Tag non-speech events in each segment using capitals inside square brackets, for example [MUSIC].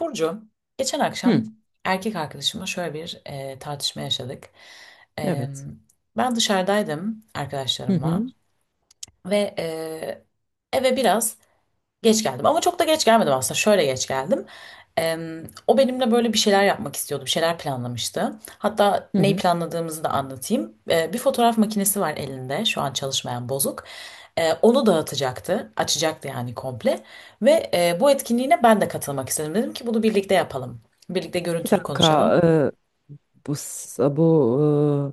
Burcu, geçen Hı, akşam erkek arkadaşımla şöyle bir tartışma yaşadık. E, evet. ben dışarıdaydım Hı arkadaşlarımla hı, ve eve biraz geç geldim ama çok da geç gelmedim aslında. Şöyle geç geldim. Em, o benimle böyle bir şeyler yapmak istiyordu, bir şeyler planlamıştı. Hatta hı neyi hı. planladığımızı da anlatayım. E, bir fotoğraf makinesi var elinde, şu an çalışmayan bozuk. E, onu dağıtacaktı, açacaktı yani komple. Ve bu etkinliğine ben de katılmak istedim. Dedim ki bunu birlikte yapalım. Birlikte Bir görüntülü dakika, konuşalım. Bu s- bu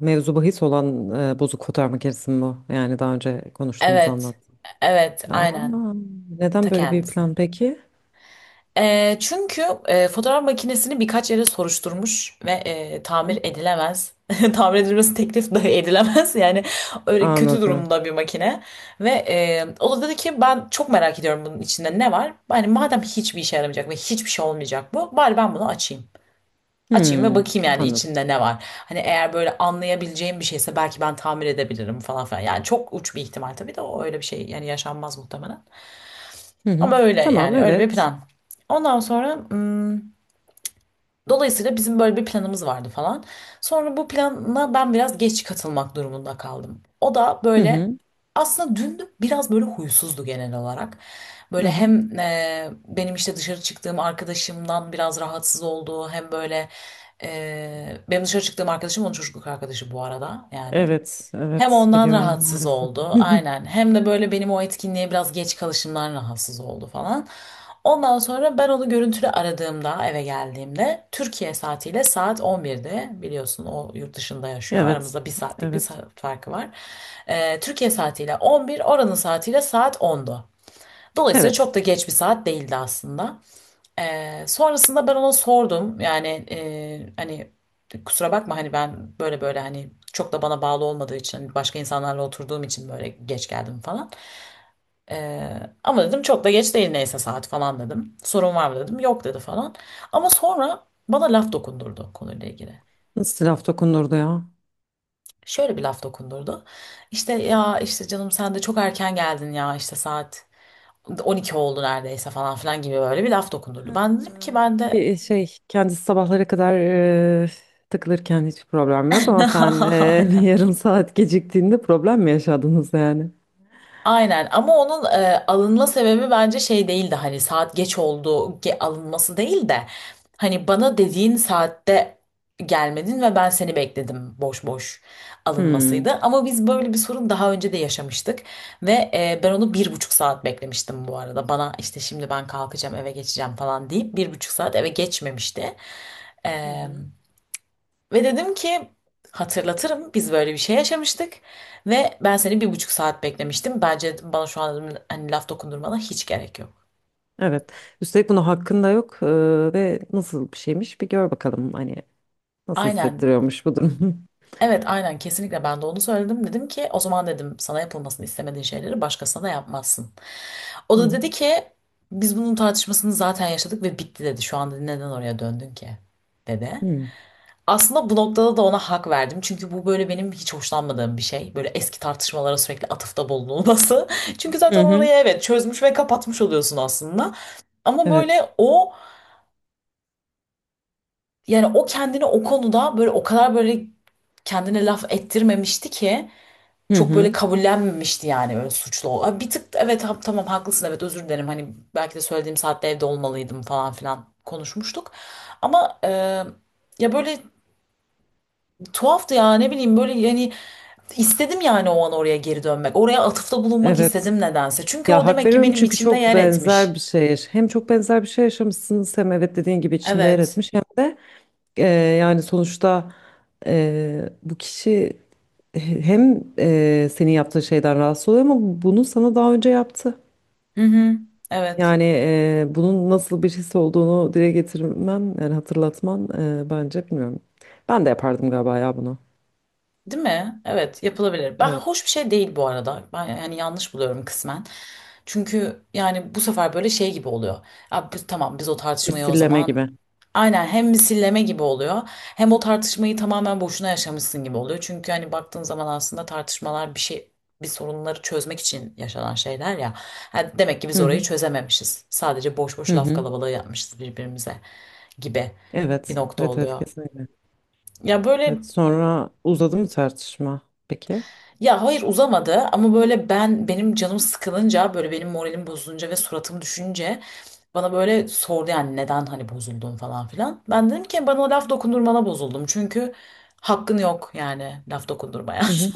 e, mevzu bahis olan bozuk fotoğraf makinesi mi bu? Yani daha önce konuştuğumuz Evet, anlattım. evet, Aa, aynen. neden Ta böyle bir kendisi. plan peki? E, çünkü fotoğraf makinesini birkaç yere soruşturmuş ve tamir Hı, edilemez. [LAUGHS] Tamir edilmesi teklif dahi edilemez. [LAUGHS] Yani öyle kötü anladım. durumda bir makine. Ve o da dedi ki ben çok merak ediyorum bunun içinde ne var. Yani madem hiçbir işe yaramayacak ve hiçbir şey olmayacak bu. Bari ben bunu açayım. Açayım ve Hı, bakayım yani anladım. içinde ne var. Hani eğer böyle anlayabileceğim bir şeyse belki ben tamir edebilirim falan filan. Yani çok uç bir ihtimal tabii de o öyle bir şey yani yaşanmaz muhtemelen. Hı hı. Ama öyle Tamam, yani öyle bir evet. plan. Ondan sonra, dolayısıyla bizim böyle bir planımız vardı falan. Sonra bu plana ben biraz geç katılmak durumunda kaldım. O da Hı böyle hı, aslında dün biraz böyle huysuzdu genel olarak. hı Böyle hı. hem benim işte dışarı çıktığım arkadaşımdan biraz rahatsız oldu. Hem böyle benim dışarı çıktığım arkadaşım onun çocukluk arkadaşı bu arada yani. Evet, Hem evet ondan biliyorum rahatsız maalesef. oldu [LAUGHS] aynen. Hem de böyle benim o etkinliğe biraz geç kalışımdan rahatsız oldu falan. Ondan sonra ben onu görüntülü aradığımda eve geldiğimde Türkiye saatiyle saat 11'de biliyorsun, o yurt dışında yaşıyor, Evet, aramızda bir saatlik bir evet. saat farkı var. Türkiye saatiyle 11 oranın saatiyle saat 10'du. Dolayısıyla Evet. çok da geç bir saat değildi aslında. Sonrasında ben ona sordum yani, hani kusura bakma, hani ben böyle böyle, hani çok da bana bağlı olmadığı için başka insanlarla oturduğum için böyle geç geldim falan. Ama dedim çok da geç değil neyse saat falan dedim. Sorun var mı dedim. Yok dedi falan. Ama sonra bana laf dokundurdu konuyla ilgili. Nasıl laf dokunurdu ya? Şöyle bir laf dokundurdu. İşte ya, işte canım sen de çok erken geldin ya, işte saat 12 oldu neredeyse falan filan gibi böyle bir laf dokundurdu. Ben dedim ki ben Ki de, şey kendisi sabahlara kadar e, takılırken hiç problem yok ama sen [LAUGHS] [LAUGHS] bir aynen. yarım saat geciktiğinde problem mi yaşadınız yani? Aynen, ama onun alınma sebebi bence şey değildi, hani saat geç oldu alınması değil de hani bana dediğin saatte gelmedin ve ben seni bekledim boş boş alınmasıydı. Hmm. Ama biz böyle bir sorun daha önce de yaşamıştık ve ben onu bir buçuk saat beklemiştim bu arada, bana işte şimdi ben kalkacağım eve geçeceğim falan deyip bir buçuk saat eve geçmemişti. Hı hı. Ve dedim ki hatırlatırım, biz böyle bir şey yaşamıştık ve ben seni bir buçuk saat beklemiştim. Bence bana şu an dedim, hani laf dokundurmana hiç gerek yok. Evet. Üstelik buna hakkın da yok ve nasıl bir şeymiş bir gör bakalım hani nasıl Aynen. hissettiriyormuş bu durum. [LAUGHS] Evet aynen, kesinlikle ben de onu söyledim. Dedim ki o zaman dedim, sana yapılmasını istemediğin şeyleri başkasına da yapmazsın. O Hı da hı. dedi ki biz bunun tartışmasını zaten yaşadık ve bitti dedi. Şu anda neden oraya döndün ki, dedi. Hı Aslında bu noktada da ona hak verdim. Çünkü bu böyle benim hiç hoşlanmadığım bir şey. Böyle eski tartışmalara sürekli atıfta bulunulması. [LAUGHS] Çünkü hı. zaten Hı. orayı evet çözmüş ve kapatmış oluyorsun aslında. Ama Evet. böyle o, yani o kendini o konuda böyle o kadar böyle kendine laf ettirmemişti ki, Hı çok böyle hı. kabullenmemişti yani, böyle suçlu. Ha, bir tık evet, tamam haklısın evet özür dilerim, hani belki de söylediğim saatte evde olmalıydım falan filan konuşmuştuk. Ama ya böyle, tuhaftı ya, ne bileyim böyle yani, istedim yani o an oraya geri dönmek. Oraya atıfta bulunmak Evet. istedim nedense. Çünkü Ya o hak demek ki veriyorum benim çünkü içimde çok yer benzer bir etmiş. şey. Hem çok benzer bir şey yaşamışsınız, hem evet dediğin gibi içinde yer Evet. etmiş, hem de Eee, yani sonuçta bu kişi [LAUGHS] hem senin yaptığın şeyden rahatsız oluyor ama bunu sana daha önce yaptı. Hı hı. Evet. Yani bunun nasıl bir his olduğunu dile getirmen, yani hatırlatman, bence bilmiyorum. Ben de yapardım galiba ya bunu. Değil mi? Evet, yapılabilir. Ben, Evet. hoş bir şey değil bu arada. Ben yani yanlış buluyorum kısmen. Çünkü yani bu sefer böyle şey gibi oluyor. Ya biz, tamam biz o tartışmayı o Misilleme zaman, gibi. aynen, hem misilleme gibi oluyor hem o tartışmayı tamamen boşuna yaşamışsın gibi oluyor. Çünkü hani baktığın zaman aslında tartışmalar bir sorunları çözmek için yaşanan şeyler ya. Ha, demek ki Hı biz orayı hı. çözememişiz. Sadece boş Hı boş laf hı. kalabalığı yapmışız birbirimize gibi bir Evet. nokta Evet, evet, oluyor. kesinlikle. Ya böyle, Evet, sonra uzadı mı tartışma peki? ya hayır uzamadı ama böyle, ben benim canım sıkılınca, böyle benim moralim bozulunca ve suratım düşünce bana böyle sordu yani neden hani bozuldun falan filan. Ben dedim ki bana laf dokundurmana bozuldum çünkü hakkın yok yani laf dokundurmaya. [LAUGHS] Hı hı.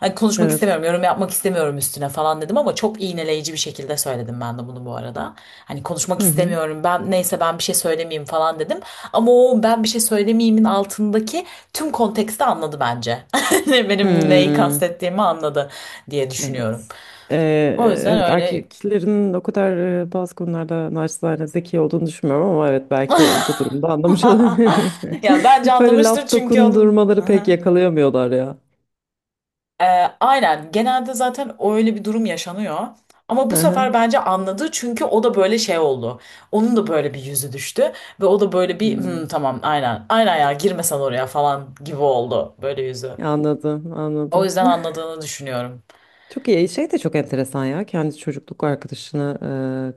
Hani konuşmak Evet. istemiyorum, yorum yapmak istemiyorum üstüne falan dedim, ama çok iğneleyici bir şekilde söyledim ben de bunu bu arada. Hani konuşmak Hı hı. istemiyorum, ben neyse ben bir şey söylemeyeyim falan dedim, ama o ben bir şey söylemeyeyimin altındaki tüm konteksti anladı bence. [LAUGHS] benim neyi Hmm. kastettiğimi anladı diye düşünüyorum. Evet. O Ee, yüzden evet, öyle. erkeklerin o kadar bazı konularda naçizane zeki olduğunu düşünmüyorum ama evet, belki bu [LAUGHS] durumda anlamış olabilir. Ya bence [LAUGHS] Böyle anlamıştır, laf çünkü onun. Hı dokundurmaları hı. pek yakalayamıyorlar ya. Ee, aynen genelde zaten öyle bir durum yaşanıyor. Ama Hı bu sefer hı. bence anladı çünkü o da böyle şey oldu. Onun da böyle bir yüzü düştü ve o da böyle bir "Hmm, Hmm. tamam, aynen aynen, ya girmesen oraya" falan gibi oldu böyle yüzü. Anladım, O anladım. yüzden [LAUGHS] anladığını düşünüyorum. Çok iyi. Şey de çok enteresan ya. Kendi çocukluk arkadaşını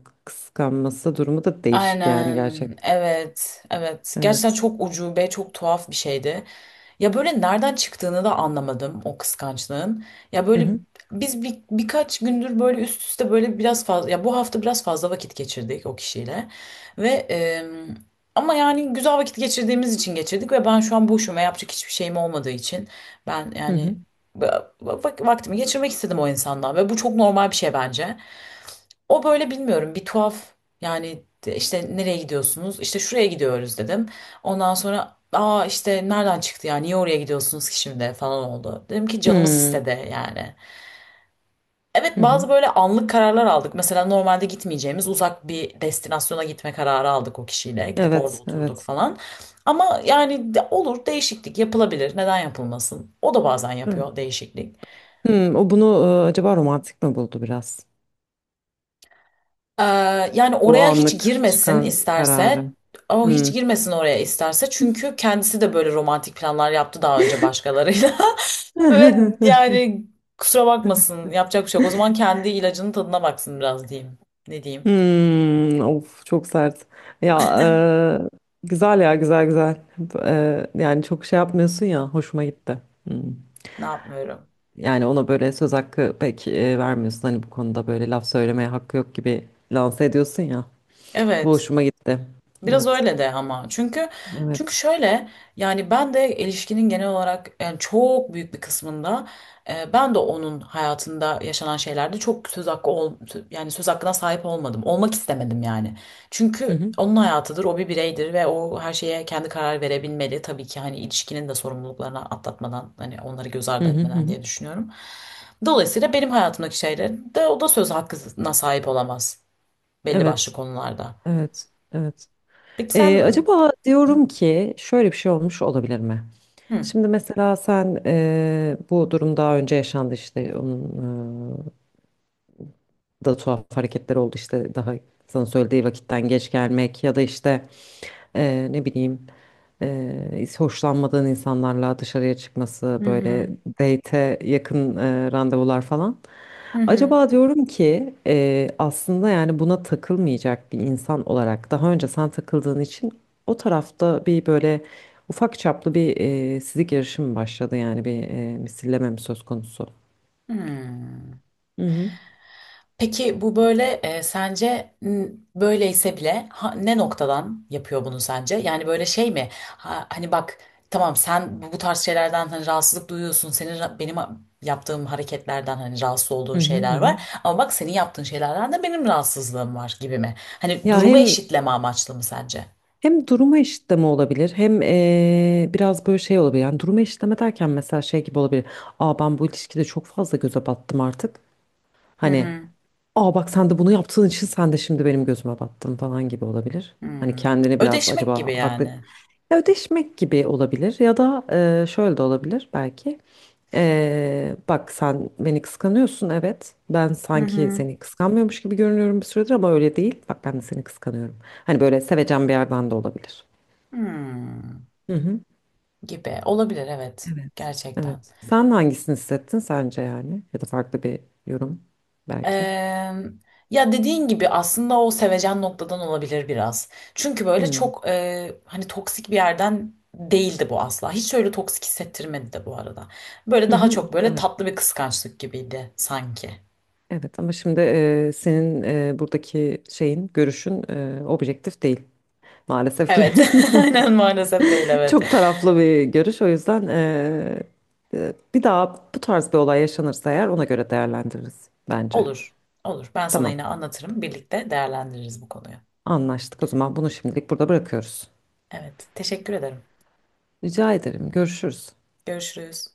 kıskanması durumu da değişik yani, Aynen, gerçekten. evet evet, gerçekten Evet. çok ucube, çok tuhaf bir şeydi. Ya böyle nereden çıktığını da anlamadım o kıskançlığın. Ya Hı böyle, hı. biz birkaç gündür böyle üst üste, böyle biraz fazla, ya bu hafta biraz fazla vakit geçirdik o kişiyle. Ve ama yani güzel vakit geçirdiğimiz için geçirdik, ve ben şu an boşum ve yapacak hiçbir şeyim olmadığı için ben Hı yani hı. Vaktimi geçirmek istedim o insandan, ve bu çok normal bir şey bence. O böyle bilmiyorum bir tuhaf, yani işte nereye gidiyorsunuz? İşte şuraya gidiyoruz dedim. Ondan sonra, aa işte nereden çıktı ya, niye oraya gidiyorsunuz ki şimdi falan oldu. Dedim ki canımız Hmm. istedi yani. Evet, Hı hı. bazı böyle anlık kararlar aldık. Mesela normalde gitmeyeceğimiz uzak bir destinasyona gitme kararı aldık o kişiyle. Gidip orada Evet, oturduk evet. falan. Ama yani olur, değişiklik yapılabilir. Neden yapılmasın? O da bazen yapıyor Evet. değişiklik. Hmm, o bunu acaba romantik mi buldu biraz? Ee, yani Bu oraya hiç anlık girmesin çıkan isterse. kararı. O hiç Hmm. girmesin oraya isterse. Çünkü kendisi de böyle romantik planlar yaptı daha önce başkalarıyla. [LAUGHS] Ve [LAUGHS] yani kusura bakmasın, yapacak bir şey yok. O zaman kendi ilacının tadına baksın biraz diyeyim. Ne diyeyim? Hmm, of, çok sert. Ya güzel, ya güzel, güzel. Yani çok şey yapmıyorsun ya, hoşuma gitti. Hmm. Ne yapmıyorum? Yani ona böyle söz hakkı pek vermiyorsun. Hani bu konuda böyle laf söylemeye hakkı yok gibi lanse ediyorsun ya. Bu Evet. hoşuma gitti. Biraz Evet. öyle de, ama çünkü Evet. şöyle, yani ben de ilişkinin genel olarak yani çok büyük bir kısmında, ben de onun hayatında yaşanan şeylerde çok söz hakkı yani söz hakkına sahip olmadım. Olmak istemedim yani. Hı Çünkü hı. onun hayatıdır, o bir bireydir ve o her şeye kendi karar verebilmeli. Tabii ki hani ilişkinin de sorumluluklarını atlatmadan, hani onları göz Hı ardı hı hı. etmeden Hı. diye düşünüyorum. Dolayısıyla benim hayatımdaki şeylerde o da söz hakkına sahip olamaz belli başlı Evet. konularda. Evet. Evet. Peki sen. Acaba diyorum ki, şöyle bir şey olmuş olabilir mi? Hı. Şimdi mesela sen, bu durum daha önce yaşandı işte, da tuhaf hareketler oldu işte, daha sana söylediği vakitten geç gelmek ya da işte ne bileyim, hoşlanmadığın insanlarla dışarıya çıkması, Hı böyle hı. date'e yakın randevular falan. Hı hı. Acaba diyorum ki aslında, yani buna takılmayacak bir insan olarak, daha önce sen takıldığın için o tarafta bir böyle ufak çaplı bir sizi girişim başladı, yani bir misilleme mi söz konusu? Hmm. Hı hı. Peki bu böyle, sence böyleyse bile, ne noktadan yapıyor bunu sence? Yani böyle şey mi? Ha, hani bak, tamam sen bu tarz şeylerden hani rahatsızlık duyuyorsun. Senin benim yaptığım hareketlerden hani rahatsız Hı olduğun hı hı. şeyler Hı. var. Ama bak, senin yaptığın şeylerden de benim rahatsızlığım var gibi mi? Hani Ya, durumu hem eşitleme amaçlı mı sence? Hem duruma eşitleme olabilir, hem biraz böyle şey olabilir. Yani duruma eşitleme derken mesela şey gibi olabilir. Aa, ben bu ilişkide çok fazla göze battım artık. Hı Hani, hı. aa, bak sen de bunu yaptığın için sen de şimdi benim gözüme battın falan gibi olabilir. Hani Hmm. kendini biraz Ödeşmek acaba gibi haklı, yani. ya ödeşmek gibi olabilir, ya da şöyle de olabilir belki. Bak, sen beni kıskanıyorsun, evet. Ben Hı sanki hı. seni kıskanmıyormuş gibi görünüyorum bir süredir, ama öyle değil. Bak, ben de seni kıskanıyorum. Hani böyle sevecen bir yerden de olabilir. Hmm. Hı hı. Gibi olabilir, evet, Evet. gerçekten. Evet. Sen hangisini hissettin sence, yani? Ya da farklı bir yorum belki. Eee, ya dediğin gibi aslında o sevecen noktadan olabilir biraz. Çünkü böyle Hı. çok hani toksik bir yerden değildi bu asla. Hiç öyle toksik hissettirmedi de bu arada. Böyle Hı daha hı. çok böyle Evet. tatlı bir kıskançlık gibiydi sanki. Evet, ama şimdi senin buradaki şeyin, görüşün objektif değil maalesef ki, Evet, [LAUGHS] aynen, maalesef değil, [LAUGHS] evet. çok taraflı bir görüş. O yüzden bir daha bu tarz bir olay yaşanırsa eğer, ona göre değerlendiririz bence. Olur, olur. Ben sana Tamam, yine anlatırım. Birlikte değerlendiririz bu konuyu. anlaştık o zaman, bunu şimdilik burada bırakıyoruz. Evet, teşekkür ederim. Rica ederim, görüşürüz. Görüşürüz.